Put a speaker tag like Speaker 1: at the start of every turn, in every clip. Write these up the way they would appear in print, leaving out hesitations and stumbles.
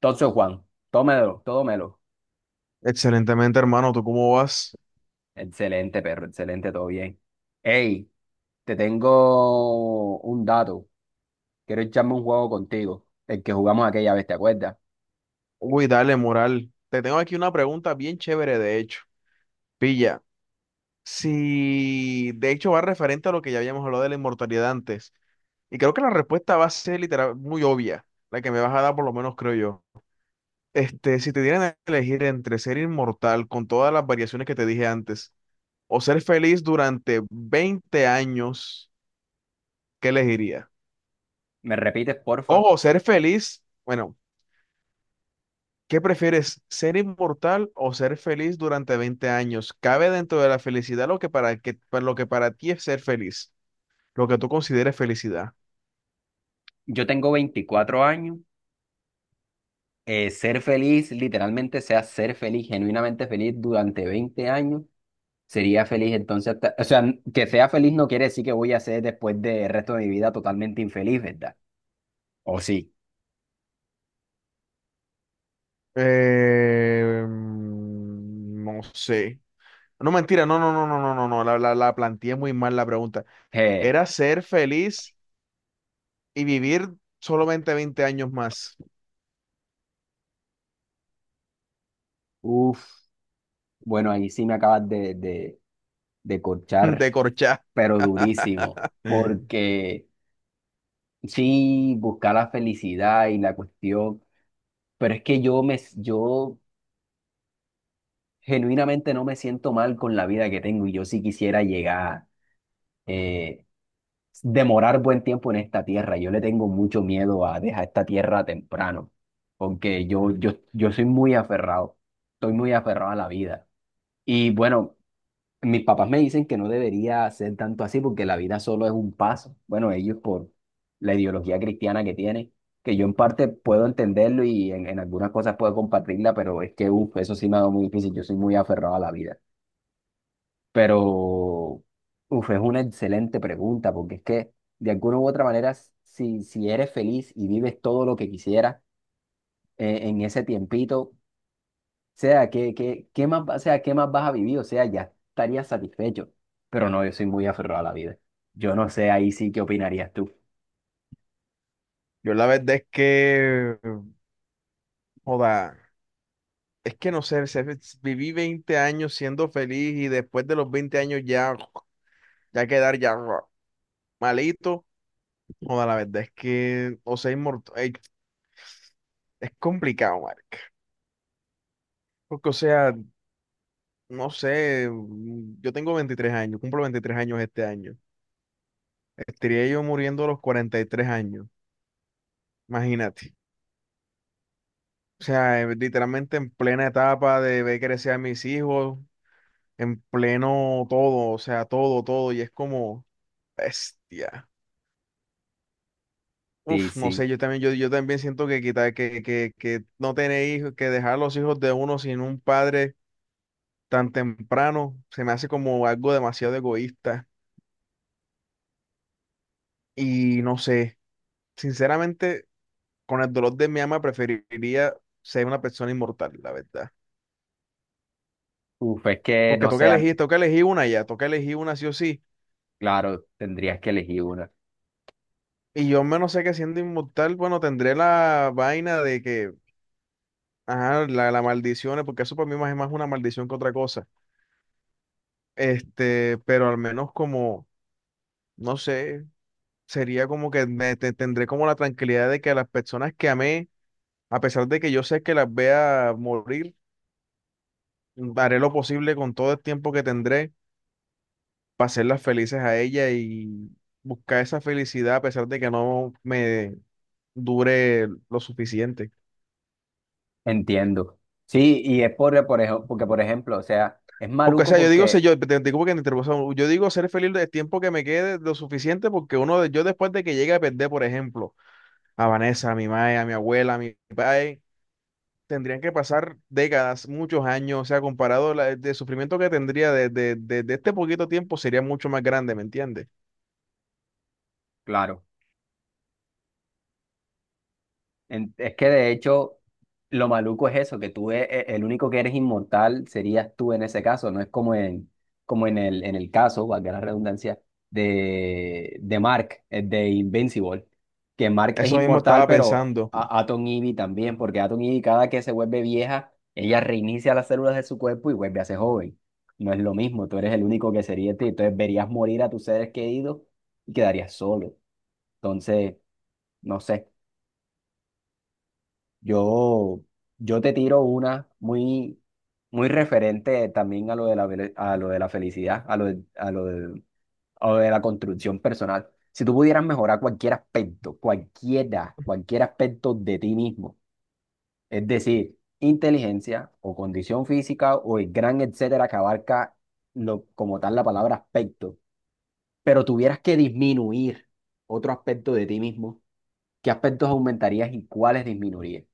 Speaker 1: Entonces, Juan, tómelo, tómelo.
Speaker 2: Excelentemente, hermano, ¿tú cómo vas?
Speaker 1: Excelente, perro, excelente, todo bien. Hey, te tengo un dato. Quiero echarme un juego contigo, el que jugamos aquella vez, ¿te acuerdas?
Speaker 2: Uy, dale, moral. Te tengo aquí una pregunta bien chévere, de hecho. Pilla, si de hecho va referente a lo que ya habíamos hablado de la inmortalidad antes, y creo que la respuesta va a ser literal muy obvia, la que me vas a dar por lo menos creo yo. Si te dieran a elegir entre ser inmortal con todas las variaciones que te dije antes, o ser feliz durante 20 años, ¿qué elegirías?
Speaker 1: ¿Me repites, porfa?
Speaker 2: Ojo, ser feliz, bueno, ¿qué prefieres, ser inmortal o ser feliz durante 20 años? Cabe dentro de la felicidad lo que para lo que para ti es ser feliz, lo que tú consideres felicidad.
Speaker 1: Yo tengo 24 años. Ser feliz, literalmente, sea ser feliz, genuinamente feliz durante 20 años. Sería feliz entonces, o sea, que sea feliz no quiere decir que voy a ser después del resto de mi vida totalmente infeliz, ¿verdad? ¿O sí?
Speaker 2: No sé. No, mentira, no, no, no, no, no, no, no, la planteé muy mal la pregunta.
Speaker 1: Eh,
Speaker 2: Era ser feliz y vivir solamente 20 años más.
Speaker 1: Uf. Bueno, ahí sí me acabas de
Speaker 2: De
Speaker 1: corchar,
Speaker 2: corchá.
Speaker 1: pero durísimo, porque sí, buscar la felicidad y la cuestión, pero es que yo genuinamente no me siento mal con la vida que tengo y yo sí quisiera llegar, eh, demorar buen tiempo en esta tierra. Yo le tengo mucho miedo a dejar esta tierra temprano, porque yo soy muy aferrado, estoy muy aferrado a la vida. Y bueno. Mis papás me dicen que no debería ser tanto así porque la vida solo es un paso. Bueno, ellos por la ideología cristiana que tienen, que yo en parte puedo entenderlo y en algunas cosas puedo compartirla, pero es que uf, eso sí me ha dado muy difícil. Yo soy muy aferrado a la vida. Pero uf, es una excelente pregunta porque es que de alguna u otra manera, si eres feliz y vives todo lo que quisieras en ese tiempito, sea, ¿qué más, o sea, ¿qué más vas a vivir? O sea, ya estarías satisfecho. Pero no, yo soy muy aferrado a la vida. Yo no sé ahí sí qué opinarías tú.
Speaker 2: Yo la verdad es que, joda. Es que no sé, viví 20 años siendo feliz y después de los 20 años ya, ya quedar ya malito. Joda, la verdad es que, o sea, inmortal, es complicado, marica. Porque, o sea, no sé, mm, yo tengo 23 años, cumplo 23 años este año. Estaría yo muriendo a los 43 años, imagínate. O sea, literalmente en plena etapa de ver crecer a mis hijos, en pleno todo, o sea, todo, todo, y es como, bestia.
Speaker 1: Sí,
Speaker 2: Uf, no
Speaker 1: sí.
Speaker 2: sé, yo también, yo también siento que que no tener hijos, que dejar los hijos de uno sin un padre tan temprano, se me hace como algo demasiado egoísta. Y no sé, sinceramente, con el dolor de mi alma preferiría ser una persona inmortal, la verdad.
Speaker 1: Uf, es que
Speaker 2: Porque
Speaker 1: no sé, a-
Speaker 2: toca elegir una ya, toca elegir una sí o sí.
Speaker 1: claro, tendrías que elegir una.
Speaker 2: Y yo al menos sé que siendo inmortal, bueno, tendré la vaina de que, ajá, la maldición, porque eso para mí más es más una maldición que otra cosa. Pero al menos como no sé, sería como que tendré como la tranquilidad de que las personas que amé, a pesar de que yo sé que las vea morir, haré lo posible con todo el tiempo que tendré para hacerlas felices a ella y buscar esa felicidad a pesar de que no me dure lo suficiente.
Speaker 1: Entiendo. Sí, y es por ejemplo, porque, por ejemplo, o sea, es
Speaker 2: Porque, o
Speaker 1: maluco
Speaker 2: sea, yo digo, sé
Speaker 1: porque,
Speaker 2: yo, te digo porque te interrumpo, o sea, yo digo ser feliz el tiempo que me quede lo suficiente porque uno, yo después de que llegue a perder, por ejemplo, a Vanessa, a mi madre, a mi abuela, a mi padre, tendrían que pasar décadas, muchos años, o sea, comparado la, de sufrimiento que tendría desde de este poquito tiempo sería mucho más grande, ¿me entiendes?
Speaker 1: claro. Es que de hecho, lo maluco es eso, que tú el único que eres inmortal serías tú en ese caso, no es como en, como en en el caso, valga la redundancia, de Mark, de Invincible, que Mark es
Speaker 2: Eso mismo
Speaker 1: inmortal,
Speaker 2: estaba
Speaker 1: pero
Speaker 2: pensando.
Speaker 1: a Atom Ivy también, porque Atom Ivy cada que se vuelve vieja, ella reinicia las células de su cuerpo y vuelve a ser joven. No es lo mismo, tú eres el único que sería ti, entonces verías morir a tus seres queridos y quedarías solo. Entonces, no sé. Yo, yo te tiro una muy, muy referente también a lo de a lo de la felicidad, a lo de la construcción personal. Si tú pudieras mejorar cualquier aspecto, cualquiera, cualquier aspecto de ti mismo, es decir, inteligencia o condición física o el gran etcétera que abarca lo, como tal la palabra aspecto, pero tuvieras que disminuir otro aspecto de ti mismo, ¿qué aspectos aumentarías y cuáles disminuirías?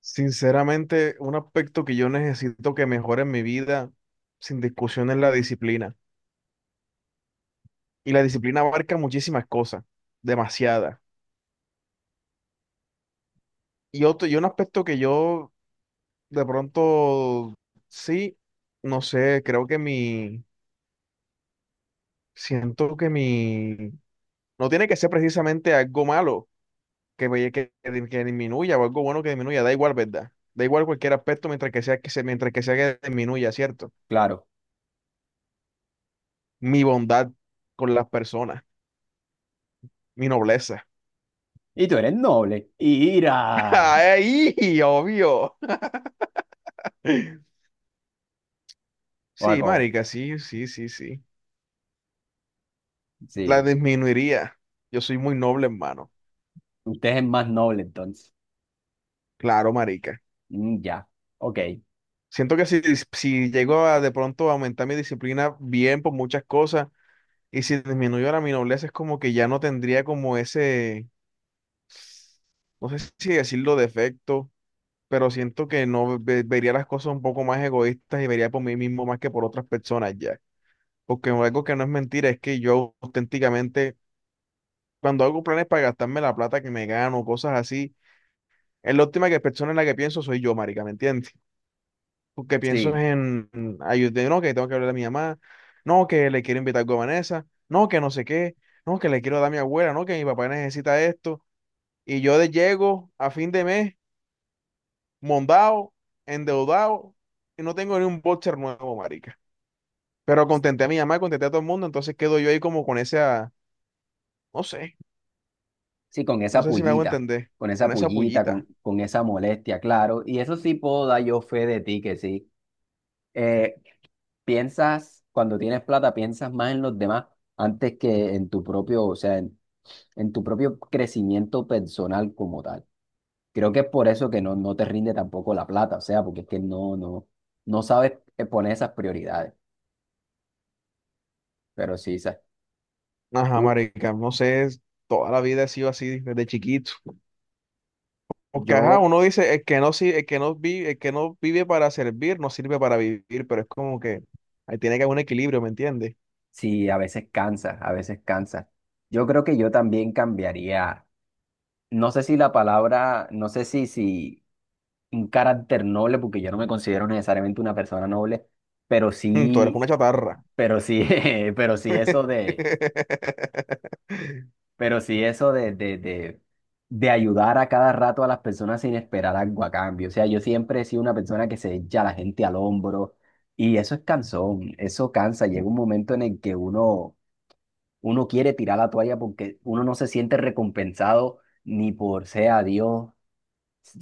Speaker 2: Sinceramente, un aspecto que yo necesito que mejore en mi vida, sin discusión, es la disciplina. Y la disciplina abarca muchísimas cosas, demasiadas. Y otro, y un aspecto que yo de pronto sí, no sé, creo que mi, siento que mi, no tiene que ser precisamente algo malo que, que disminuya o algo bueno que disminuya, da igual, ¿verdad? Da igual cualquier aspecto mientras que sea que se, mientras que sea que disminuya, ¿cierto?
Speaker 1: Claro.
Speaker 2: Mi bondad con las personas, mi nobleza.
Speaker 1: Y tú eres noble. ¡Ira!
Speaker 2: ¡Ahí! Obvio. Sí,
Speaker 1: Guaco,
Speaker 2: marica, sí, sí, sí, sí. La
Speaker 1: sí.
Speaker 2: disminuiría. Yo soy muy noble, hermano.
Speaker 1: Usted es más noble entonces.
Speaker 2: Claro, marica.
Speaker 1: Mm, ya. Ok.
Speaker 2: Siento que si, si llego a de pronto a aumentar mi disciplina bien por muchas cosas y si disminuyo la mi nobleza es como que ya no tendría como ese, no sé si decirlo defecto, pero siento que no ve- vería las cosas un poco más egoístas y vería por mí mismo más que por otras personas ya. Porque algo que no es mentira es que yo auténticamente, cuando hago planes para gastarme la plata que me gano, cosas así, es la última que persona en la que pienso soy yo, marica, ¿me entiendes? Porque pienso
Speaker 1: Sí.
Speaker 2: en ayudar, no, que tengo que hablar a mi mamá, no, que le quiero invitar algo a Vanessa, no, que no sé qué, no, que le quiero dar a mi abuela, no, que mi papá necesita esto. Y yo de llego a fin de mes. Mondado, endeudado y no tengo ni un boxer nuevo, marica. Pero contenté a mi mamá, contenté a todo el mundo, entonces quedo yo ahí como con esa, no sé,
Speaker 1: Sí, con
Speaker 2: no
Speaker 1: esa
Speaker 2: sé si me hago
Speaker 1: pullita.
Speaker 2: entender,
Speaker 1: Con esa
Speaker 2: con esa
Speaker 1: pullita,
Speaker 2: pullita.
Speaker 1: con esa molestia, claro. Y eso sí puedo dar yo fe de ti que sí. Eh, Piensas, cuando tienes plata, piensas más en los demás antes que en tu propio, o sea, en tu propio crecimiento personal como tal. Creo que es por eso que no te rinde tampoco la plata, o sea, porque es que no sabes poner esas prioridades. Pero sí, sa-
Speaker 2: Ajá,
Speaker 1: tú,
Speaker 2: marica, no sé, es- toda la vida he sido así desde chiquito. Porque ajá,
Speaker 1: yo
Speaker 2: uno dice, el que no vive, el que no vive para servir, no sirve para vivir, pero es como que ahí tiene que haber un equilibrio, ¿me entiendes?
Speaker 1: sí, a veces cansa, a veces cansa. Yo creo que yo también cambiaría, no sé si la palabra, no sé si un carácter noble, porque yo no me considero necesariamente una persona noble, pero
Speaker 2: Mm, tú eres una
Speaker 1: sí,
Speaker 2: chatarra.
Speaker 1: pero sí, pero sí eso de, pero sí eso de ayudar a cada rato a las personas sin esperar algo a cambio. O sea, yo siempre he sido una persona que se echa a la gente al hombro y eso es cansón, eso cansa, llega un momento en el que uno quiere tirar la toalla porque uno no se siente recompensado ni por sea Dios,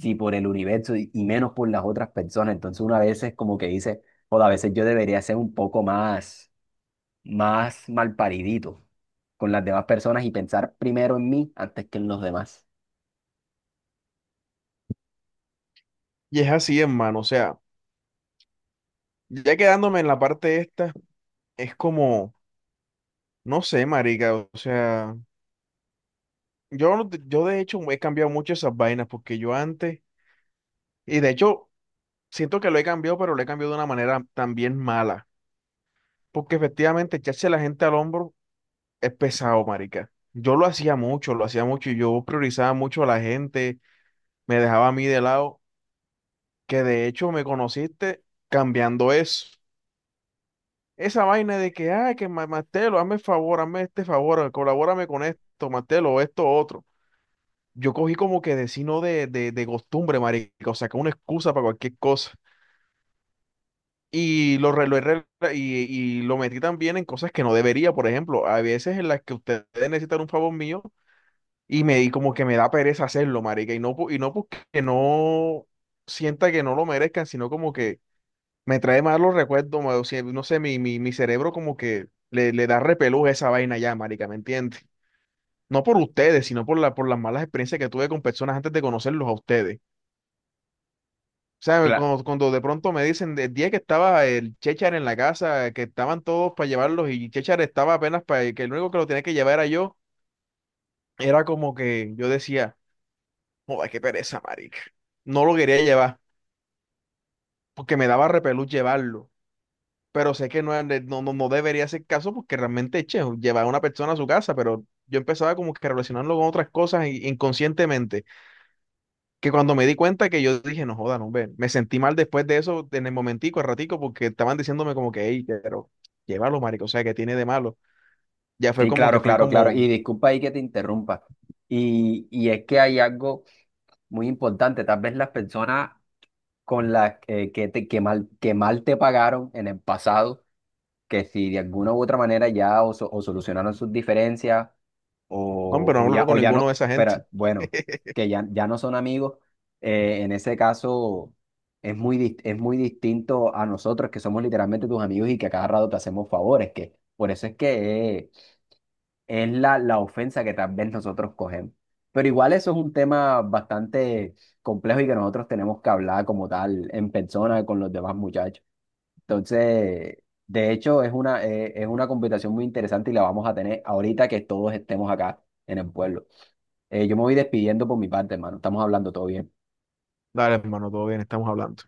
Speaker 1: ni por el universo y menos por las otras personas. Entonces uno a veces como que dice, o a veces yo debería ser un poco más, más malparidito con las demás personas y pensar primero en mí antes que en los demás.
Speaker 2: Y es así, hermano, o sea, ya quedándome en la parte esta. Es como, no sé, marica, o sea, yo, no te- yo de hecho he cambiado mucho esas vainas porque yo antes, y de hecho siento que lo he cambiado, pero lo he cambiado de una manera también mala, porque efectivamente echarse a la gente al hombro es pesado, marica. Yo lo hacía mucho y yo priorizaba mucho a la gente, me dejaba a mí de lado, que de hecho me conociste cambiando eso. Esa vaina de que, ah, que Martelo, hazme el favor, hazme este favor, colabórame con esto, Martelo, esto, otro. Yo cogí como que de sino de costumbre, marica, o sea, que una excusa para cualquier cosa. Y lo, re- lo he re- y, y lo metí también en cosas que no debería, por ejemplo, a veces en las que ustedes necesitan un favor mío y me di como que me da pereza hacerlo, marica, y no porque no sienta que no lo merezcan, sino como que me trae malos recuerdos, o sea, no sé, mi cerebro como que le da repelús a esa vaina ya, marica, ¿me entiendes? No por ustedes, sino por la, por las malas experiencias que tuve con personas antes de conocerlos a ustedes. O sea, cuando de pronto me dicen el día que estaba el Chechar en la casa, que estaban todos para llevarlos y Chechar estaba apenas para que el único que lo tenía que llevar era yo, era como que yo decía, joder, qué pereza, marica. No lo quería llevar porque me daba repelús llevarlo, pero sé que no, no, no, no debería hacer caso porque realmente, che, llevar a una persona a su casa, pero yo empezaba como que a relacionarlo con otras cosas inconscientemente. Que cuando me di cuenta que yo dije, no joda, no, ve, me sentí mal después de eso, en el momentico, al ratico, porque estaban diciéndome como que, hey, pero llévalo, marico, o sea, que tiene de malo? Ya fue
Speaker 1: Sí,
Speaker 2: como que
Speaker 1: claro,
Speaker 2: fui
Speaker 1: claro, claro.
Speaker 2: como,
Speaker 1: Y disculpa ahí que te interrumpa. Y es que hay algo muy importante. Tal vez las personas con las que mal te pagaron en el pasado que si de alguna u otra manera ya o solucionaron sus diferencias
Speaker 2: no, pero no hablo
Speaker 1: o
Speaker 2: con
Speaker 1: ya
Speaker 2: ninguno de
Speaker 1: no,
Speaker 2: esa
Speaker 1: pero
Speaker 2: gente.
Speaker 1: bueno, que ya, ya no son amigos, en ese caso es muy, es muy distinto a nosotros que somos literalmente tus amigos y que a cada rato te hacemos favores, que por eso es que es la ofensa que tal vez nosotros cogemos. Pero igual eso es un tema bastante complejo y que nosotros tenemos que hablar como tal en persona con los demás muchachos. Entonces, de hecho, es una conversación muy interesante y la vamos a tener ahorita que todos estemos acá en el pueblo. Yo me voy despidiendo por mi parte, hermano. Estamos hablando, todo bien.
Speaker 2: Dale, hermano, todo bien, estamos hablando.